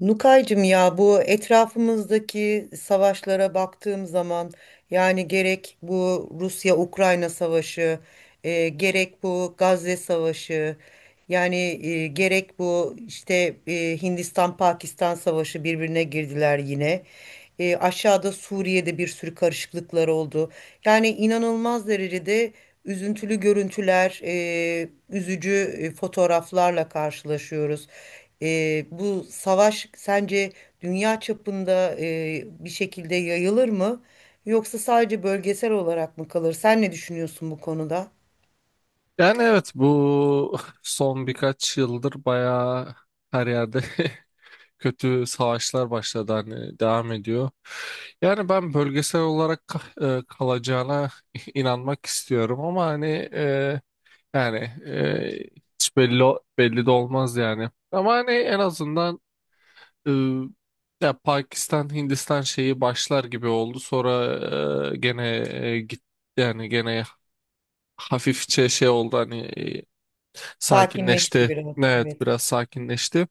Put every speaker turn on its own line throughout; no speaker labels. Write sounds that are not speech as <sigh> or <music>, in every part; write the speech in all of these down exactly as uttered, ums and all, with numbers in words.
Nukaycığım ya, bu etrafımızdaki savaşlara baktığım zaman, yani gerek bu Rusya-Ukrayna savaşı, e, gerek bu Gazze savaşı, yani e, gerek bu işte, e, Hindistan-Pakistan savaşı birbirine girdiler yine. E, aşağıda Suriye'de bir sürü karışıklıklar oldu. Yani inanılmaz derecede üzüntülü görüntüler, e, üzücü e, fotoğraflarla karşılaşıyoruz. E, bu savaş sence dünya çapında e, bir şekilde yayılır mı? Yoksa sadece bölgesel olarak mı kalır? Sen ne düşünüyorsun bu konuda?
Yani evet bu <laughs> son birkaç yıldır bayağı her yerde <laughs> kötü savaşlar başladı, hani devam ediyor. Yani ben bölgesel olarak ka- e, kalacağına <laughs> inanmak istiyorum, ama hani e, yani e, hiç belli belli de olmaz yani. Ama hani en azından e, ya Pakistan Hindistan şeyi başlar gibi oldu. Sonra e, gene e, git yani gene hafifçe şey oldu hani, e,
Sakinleşti
sakinleşti.
biraz.
Evet,
Evet.
biraz sakinleşti.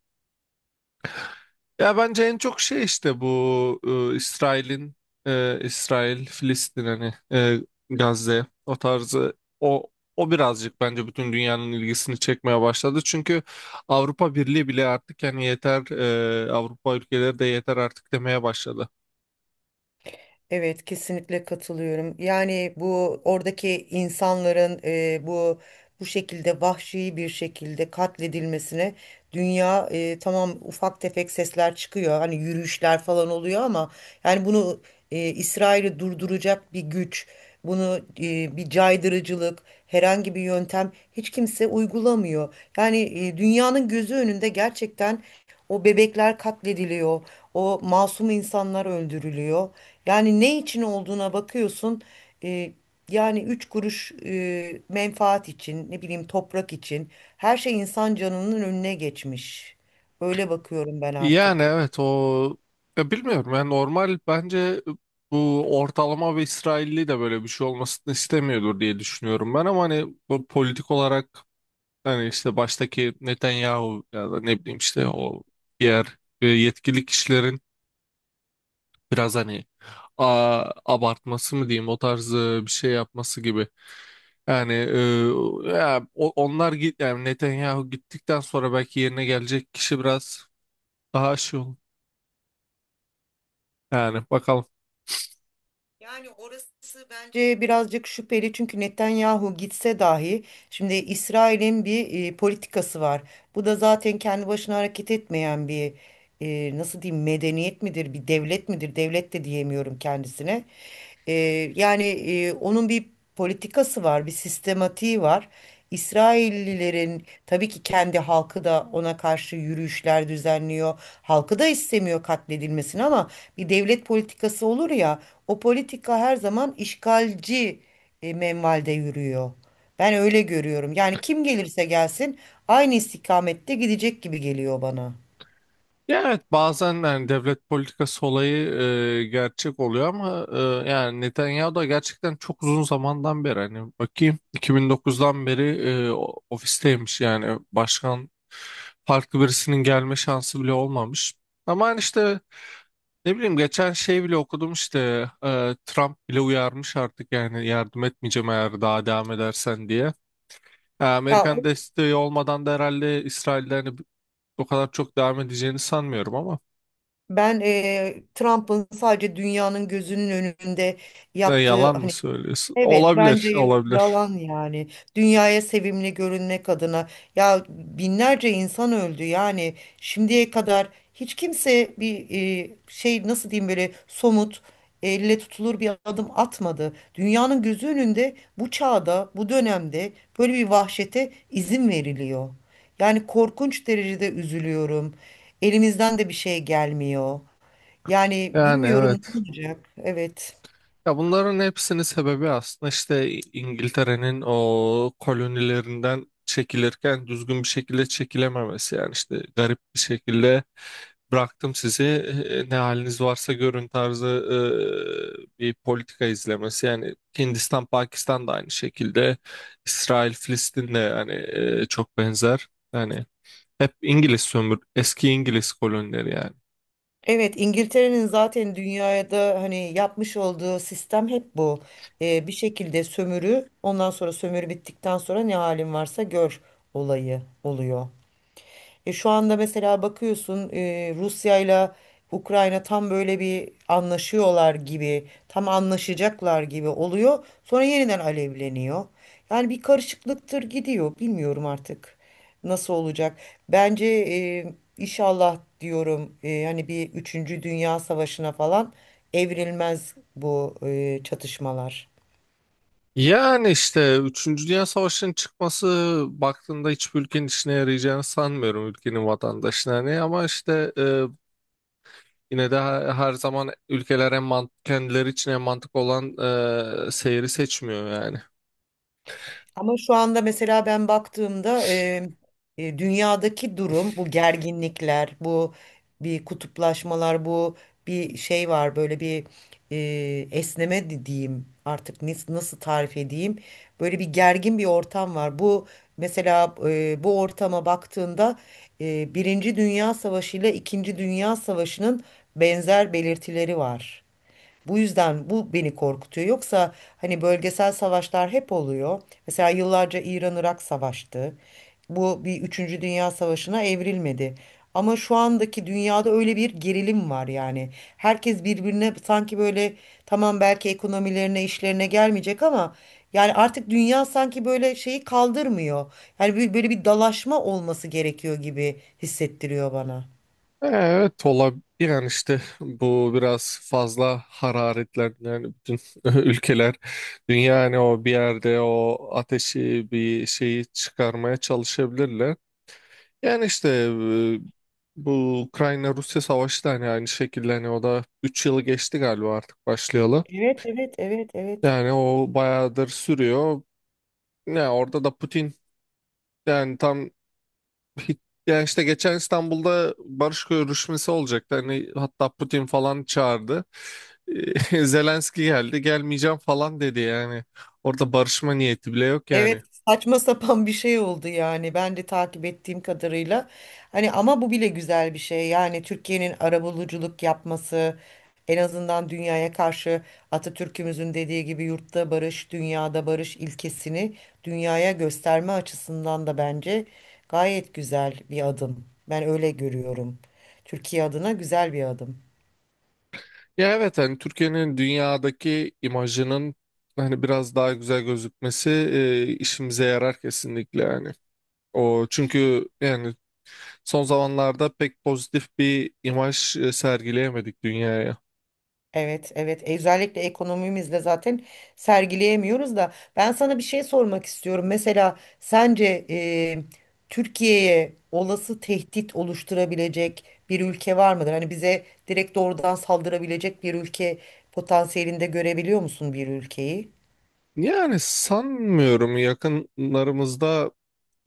Ya bence en çok şey işte bu e, İsrail'in, e, İsrail, Filistin hani, e, Gazze o tarzı, o o birazcık bence bütün dünyanın ilgisini çekmeye başladı. Çünkü Avrupa Birliği bile artık yani yeter, e, Avrupa ülkeleri de yeter artık demeye başladı.
Evet, kesinlikle katılıyorum. Yani bu oradaki insanların e, bu bu şekilde vahşi bir şekilde katledilmesine dünya, e, tamam, ufak tefek sesler çıkıyor. Hani yürüyüşler falan oluyor ama yani bunu, e, İsrail'i durduracak bir güç, bunu e, bir caydırıcılık, herhangi bir yöntem hiç kimse uygulamıyor. Yani e, dünyanın gözü önünde gerçekten o bebekler katlediliyor. O masum insanlar öldürülüyor. Yani ne için olduğuna bakıyorsun. e, Yani üç kuruş e, menfaat için, ne bileyim toprak için, her şey insan canının önüne geçmiş. Böyle bakıyorum ben
Yani
artık.
evet o, ya bilmiyorum yani, normal bence bu ortalama bir İsrailli de böyle bir şey olmasını istemiyordur diye düşünüyorum ben, ama hani bu politik olarak hani işte baştaki Netanyahu ya da ne bileyim işte o diğer e, yetkili kişilerin biraz hani, a, abartması mı diyeyim, o tarz e, bir şey yapması gibi. Yani e, ya, o- onlar git yani Netanyahu gittikten sonra belki yerine gelecek kişi biraz daha şey olur. Yani bakalım.
Yani orası bence birazcık şüpheli, çünkü Netanyahu gitse dahi şimdi İsrail'in bir e, politikası var. Bu da zaten kendi başına hareket etmeyen bir, e, nasıl diyeyim, medeniyet midir, bir devlet midir, devlet de diyemiyorum kendisine. E, Yani e, onun bir politikası var, bir sistematiği var. İsraillilerin tabii ki kendi halkı da ona karşı yürüyüşler düzenliyor. Halkı da istemiyor katledilmesini, ama bir devlet politikası olur ya, o politika her zaman işgalci e, menvalde yürüyor. Ben öyle görüyorum. Yani kim gelirse gelsin aynı istikamette gidecek gibi geliyor bana.
Ya evet, bazen yani devlet politikası olayı e, gerçek oluyor, ama e, yani Netanyahu da gerçekten çok uzun zamandan beri, hani bakayım iki bin dokuzdan beri, e, o- ofisteymiş, yani başkan farklı birisinin gelme şansı bile olmamış. Ama hani işte ne bileyim geçen şey bile okudum işte, e, Trump bile uyarmış artık, yani yardım etmeyeceğim eğer daha devam edersen diye. E,
Ya
Amerikan desteği olmadan da herhalde İsrail'de hani o kadar çok devam edeceğini sanmıyorum ama.
ben, e, Trump'ın sadece dünyanın gözünün önünde
Ya
yaptığı
yalan mı
hani…
söylüyorsun?
Evet, bence
Olabilir,
y-
olabilir.
yalan yani. Dünyaya sevimli görünmek adına, ya binlerce insan öldü yani, şimdiye kadar hiç kimse bir, e, şey, nasıl diyeyim, böyle somut, elle tutulur bir adım atmadı. Dünyanın gözü önünde, bu çağda, bu dönemde böyle bir vahşete izin veriliyor. Yani korkunç derecede üzülüyorum. Elimizden de bir şey gelmiyor. Yani
Yani
bilmiyorum ne
evet.
olacak. Evet.
Ya bunların hepsinin sebebi aslında işte İngiltere'nin o kolonilerinden çekilirken düzgün bir şekilde çekilememesi. Yani işte garip bir şekilde bıraktım sizi, e, ne haliniz varsa görün tarzı e, bir politika izlemesi. Yani Hindistan, Pakistan da aynı şekilde. İsrail, Filistin de yani e, çok benzer. Yani hep İngiliz sömür, eski İngiliz kolonileri yani.
Evet, İngiltere'nin zaten dünyada hani yapmış olduğu sistem hep bu. Ee, bir şekilde sömürü, ondan sonra sömürü bittikten sonra "ne halin varsa gör" olayı oluyor. E, şu anda mesela bakıyorsun, e, Rusya ile Ukrayna tam böyle bir anlaşıyorlar gibi, tam anlaşacaklar gibi oluyor. Sonra yeniden alevleniyor. Yani bir karışıklıktır gidiyor. Bilmiyorum artık nasıl olacak. Bence e, inşallah diyorum, e, hani bir üçüncü Dünya Savaşı'na falan evrilmez bu, e, çatışmalar.
Yani işte üçüncü Dünya Savaşı'nın çıkması, baktığında hiçbir ülkenin işine yarayacağını sanmıyorum, ülkenin vatandaşına ne, ama işte e, yine de her, her zaman ülkeler en mant- kendileri için en mantık olan e, seyri seçmiyor yani.
Ama şu anda mesela ben baktığımda, e, e, dünyadaki durum, bu gerginlikler, bu bir kutuplaşmalar, bu bir şey var, böyle bir e, esneme de diyeyim artık, nis- nasıl tarif edeyim, böyle bir gergin bir ortam var. Bu mesela, e, bu ortama baktığında e, Birinci Dünya Savaşı ile İkinci Dünya Savaşı'nın benzer belirtileri var. Bu yüzden bu beni korkutuyor. Yoksa hani bölgesel savaşlar hep oluyor. Mesela yıllarca İran-Irak savaştı. Bu bir üçüncü Dünya Savaşı'na evrilmedi. Ama şu andaki dünyada öyle bir gerilim var yani. Herkes birbirine sanki böyle, tamam, belki ekonomilerine, işlerine gelmeyecek ama yani artık dünya sanki böyle şeyi kaldırmıyor. Yani bir- böyle bir dalaşma olması gerekiyor gibi hissettiriyor bana.
Evet, olabilir. Yani işte bu biraz fazla hararetlendi. Yani bütün <laughs> ülkeler, dünya hani o bir yerde o ateşi bir şeyi çıkarmaya çalışabilirler. Yani işte, e, bu Ukrayna-Rusya savaşı da hani aynı şekilde, hani o da üç yılı geçti galiba artık başlayalı.
Evet, evet, evet, evet.
Yani o bayağıdır sürüyor. Ne orada da Putin, yani tam. Ya işte geçen İstanbul'da barış görüşmesi olacaktı. Hani hatta Putin falan çağırdı. <laughs> Zelenski geldi, gelmeyeceğim falan dedi yani. Orada barışma niyeti bile yok
Evet,
yani.
saçma sapan bir şey oldu yani, ben de takip ettiğim kadarıyla. Hani ama bu bile güzel bir şey. Yani Türkiye'nin arabuluculuk yapması, en azından dünyaya karşı Atatürk'ümüzün dediği gibi "yurtta barış, dünyada barış" ilkesini dünyaya gösterme açısından da bence gayet güzel bir adım. Ben öyle görüyorum. Türkiye adına güzel bir adım.
Ya evet, hani Türkiye'nin dünyadaki imajının hani biraz daha güzel gözükmesi eee, işimize yarar kesinlikle yani. O çünkü yani son zamanlarda pek pozitif bir imaj e, sergileyemedik dünyaya.
Evet, evet. E, Özellikle ekonomimizle zaten sergileyemiyoruz da, ben sana bir şey sormak istiyorum. Mesela sence e, Türkiye'ye olası tehdit oluşturabilecek bir ülke var mıdır? Hani bize direkt doğrudan saldırabilecek bir ülke potansiyelinde görebiliyor musun bir ülkeyi?
Yani sanmıyorum yakınlarımızda.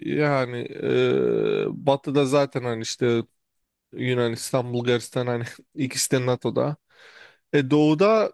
Yani eee, batıda zaten hani işte Yunanistan, Bulgaristan, hani <laughs> ikisi de NATO'da. E, doğuda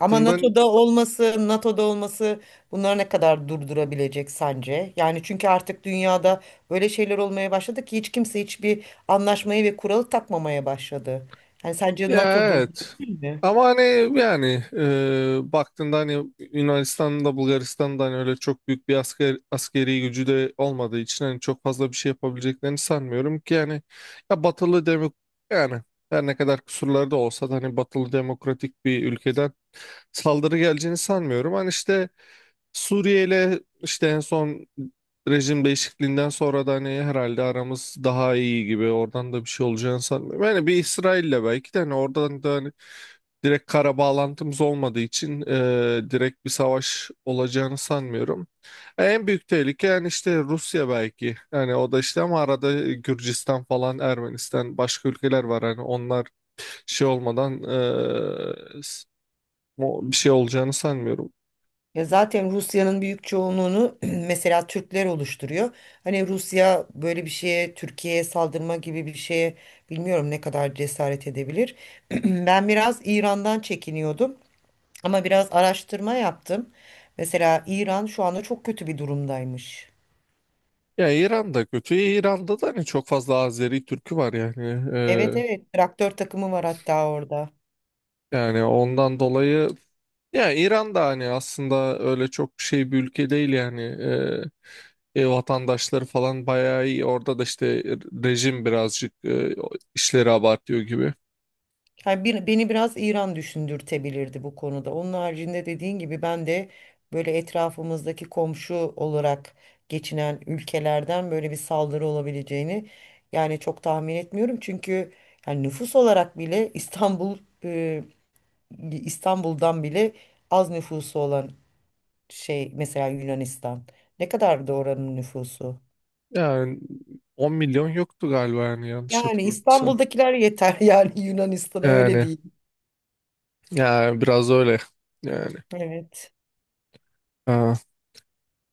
Ama NATO'da olması, NATO'da olması bunları ne kadar durdurabilecek sence? Yani çünkü artık dünyada böyle şeyler olmaya başladı ki hiç kimse hiçbir anlaşmayı ve kuralı takmamaya başladı. Yani sence
ya
NATO
evet.
durdurabilir mi?
Ama hani yani eee baktığında hani Yunanistan'da, Bulgaristan'da hani öyle çok büyük bir asker, askeri gücü de olmadığı için hani çok fazla bir şey yapabileceklerini sanmıyorum ki yani, ya batılı demok yani her ne kadar kusurları da olsa da hani batılı demokratik bir ülkeden saldırı geleceğini sanmıyorum. Hani işte Suriye ile işte en son rejim değişikliğinden sonra da hani herhalde aramız daha iyi gibi, oradan da bir şey olacağını sanmıyorum. Yani bir İsrail'le belki de hani, oradan da hani direkt kara bağlantımız olmadığı için e, direkt bir savaş olacağını sanmıyorum. En büyük tehlike yani işte Rusya belki. Yani o da işte, ama arada Gürcistan falan, Ermenistan, başka ülkeler var hani, onlar şey olmadan e, s- o- bir şey olacağını sanmıyorum.
Ya zaten Rusya'nın büyük çoğunluğunu <clears throat> mesela Türkler oluşturuyor. Hani Rusya böyle bir şeye, Türkiye'ye saldırma gibi bir şeye bilmiyorum ne kadar cesaret edebilir. <clears throat> Ben biraz İran'dan çekiniyordum. Ama biraz araştırma yaptım. Mesela İran şu anda çok kötü bir durumdaymış.
Ya İran'da kötü. İran'da da hani çok fazla Azeri Türk'ü var yani.
Evet,
Ee,
evet, traktör takımı var hatta orada.
yani ondan dolayı, ya İran'da hani aslında öyle çok bir şey bir ülke değil yani. Ee, e, vatandaşları falan bayağı iyi. Orada da işte rejim birazcık e, işleri abartıyor gibi.
Yani bir, beni biraz İran düşündürtebilirdi bu konuda. Onun haricinde dediğin gibi ben de böyle etrafımızdaki komşu olarak geçinen ülkelerden böyle bir saldırı olabileceğini, yani, çok tahmin etmiyorum. Çünkü yani nüfus olarak bile İstanbul, e, İstanbul'dan bile az nüfusu olan şey mesela, Yunanistan. Ne kadardı oranın nüfusu?
Yani on milyon yoktu galiba yani, yanlış
Yani
hatırlamıyorsam.
İstanbul'dakiler yeter <laughs> yani Yunanistan'a, öyle
Yani,
değil.
yani biraz öyle yani.
Evet.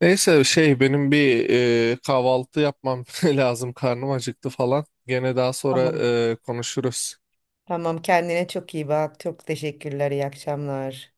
Neyse şey, benim bir e, kahvaltı yapmam <laughs> lazım. Karnım acıktı falan. Gene daha sonra
Tamam.
e, konuşuruz.
Tamam, kendine çok iyi bak. Çok teşekkürler. İyi akşamlar.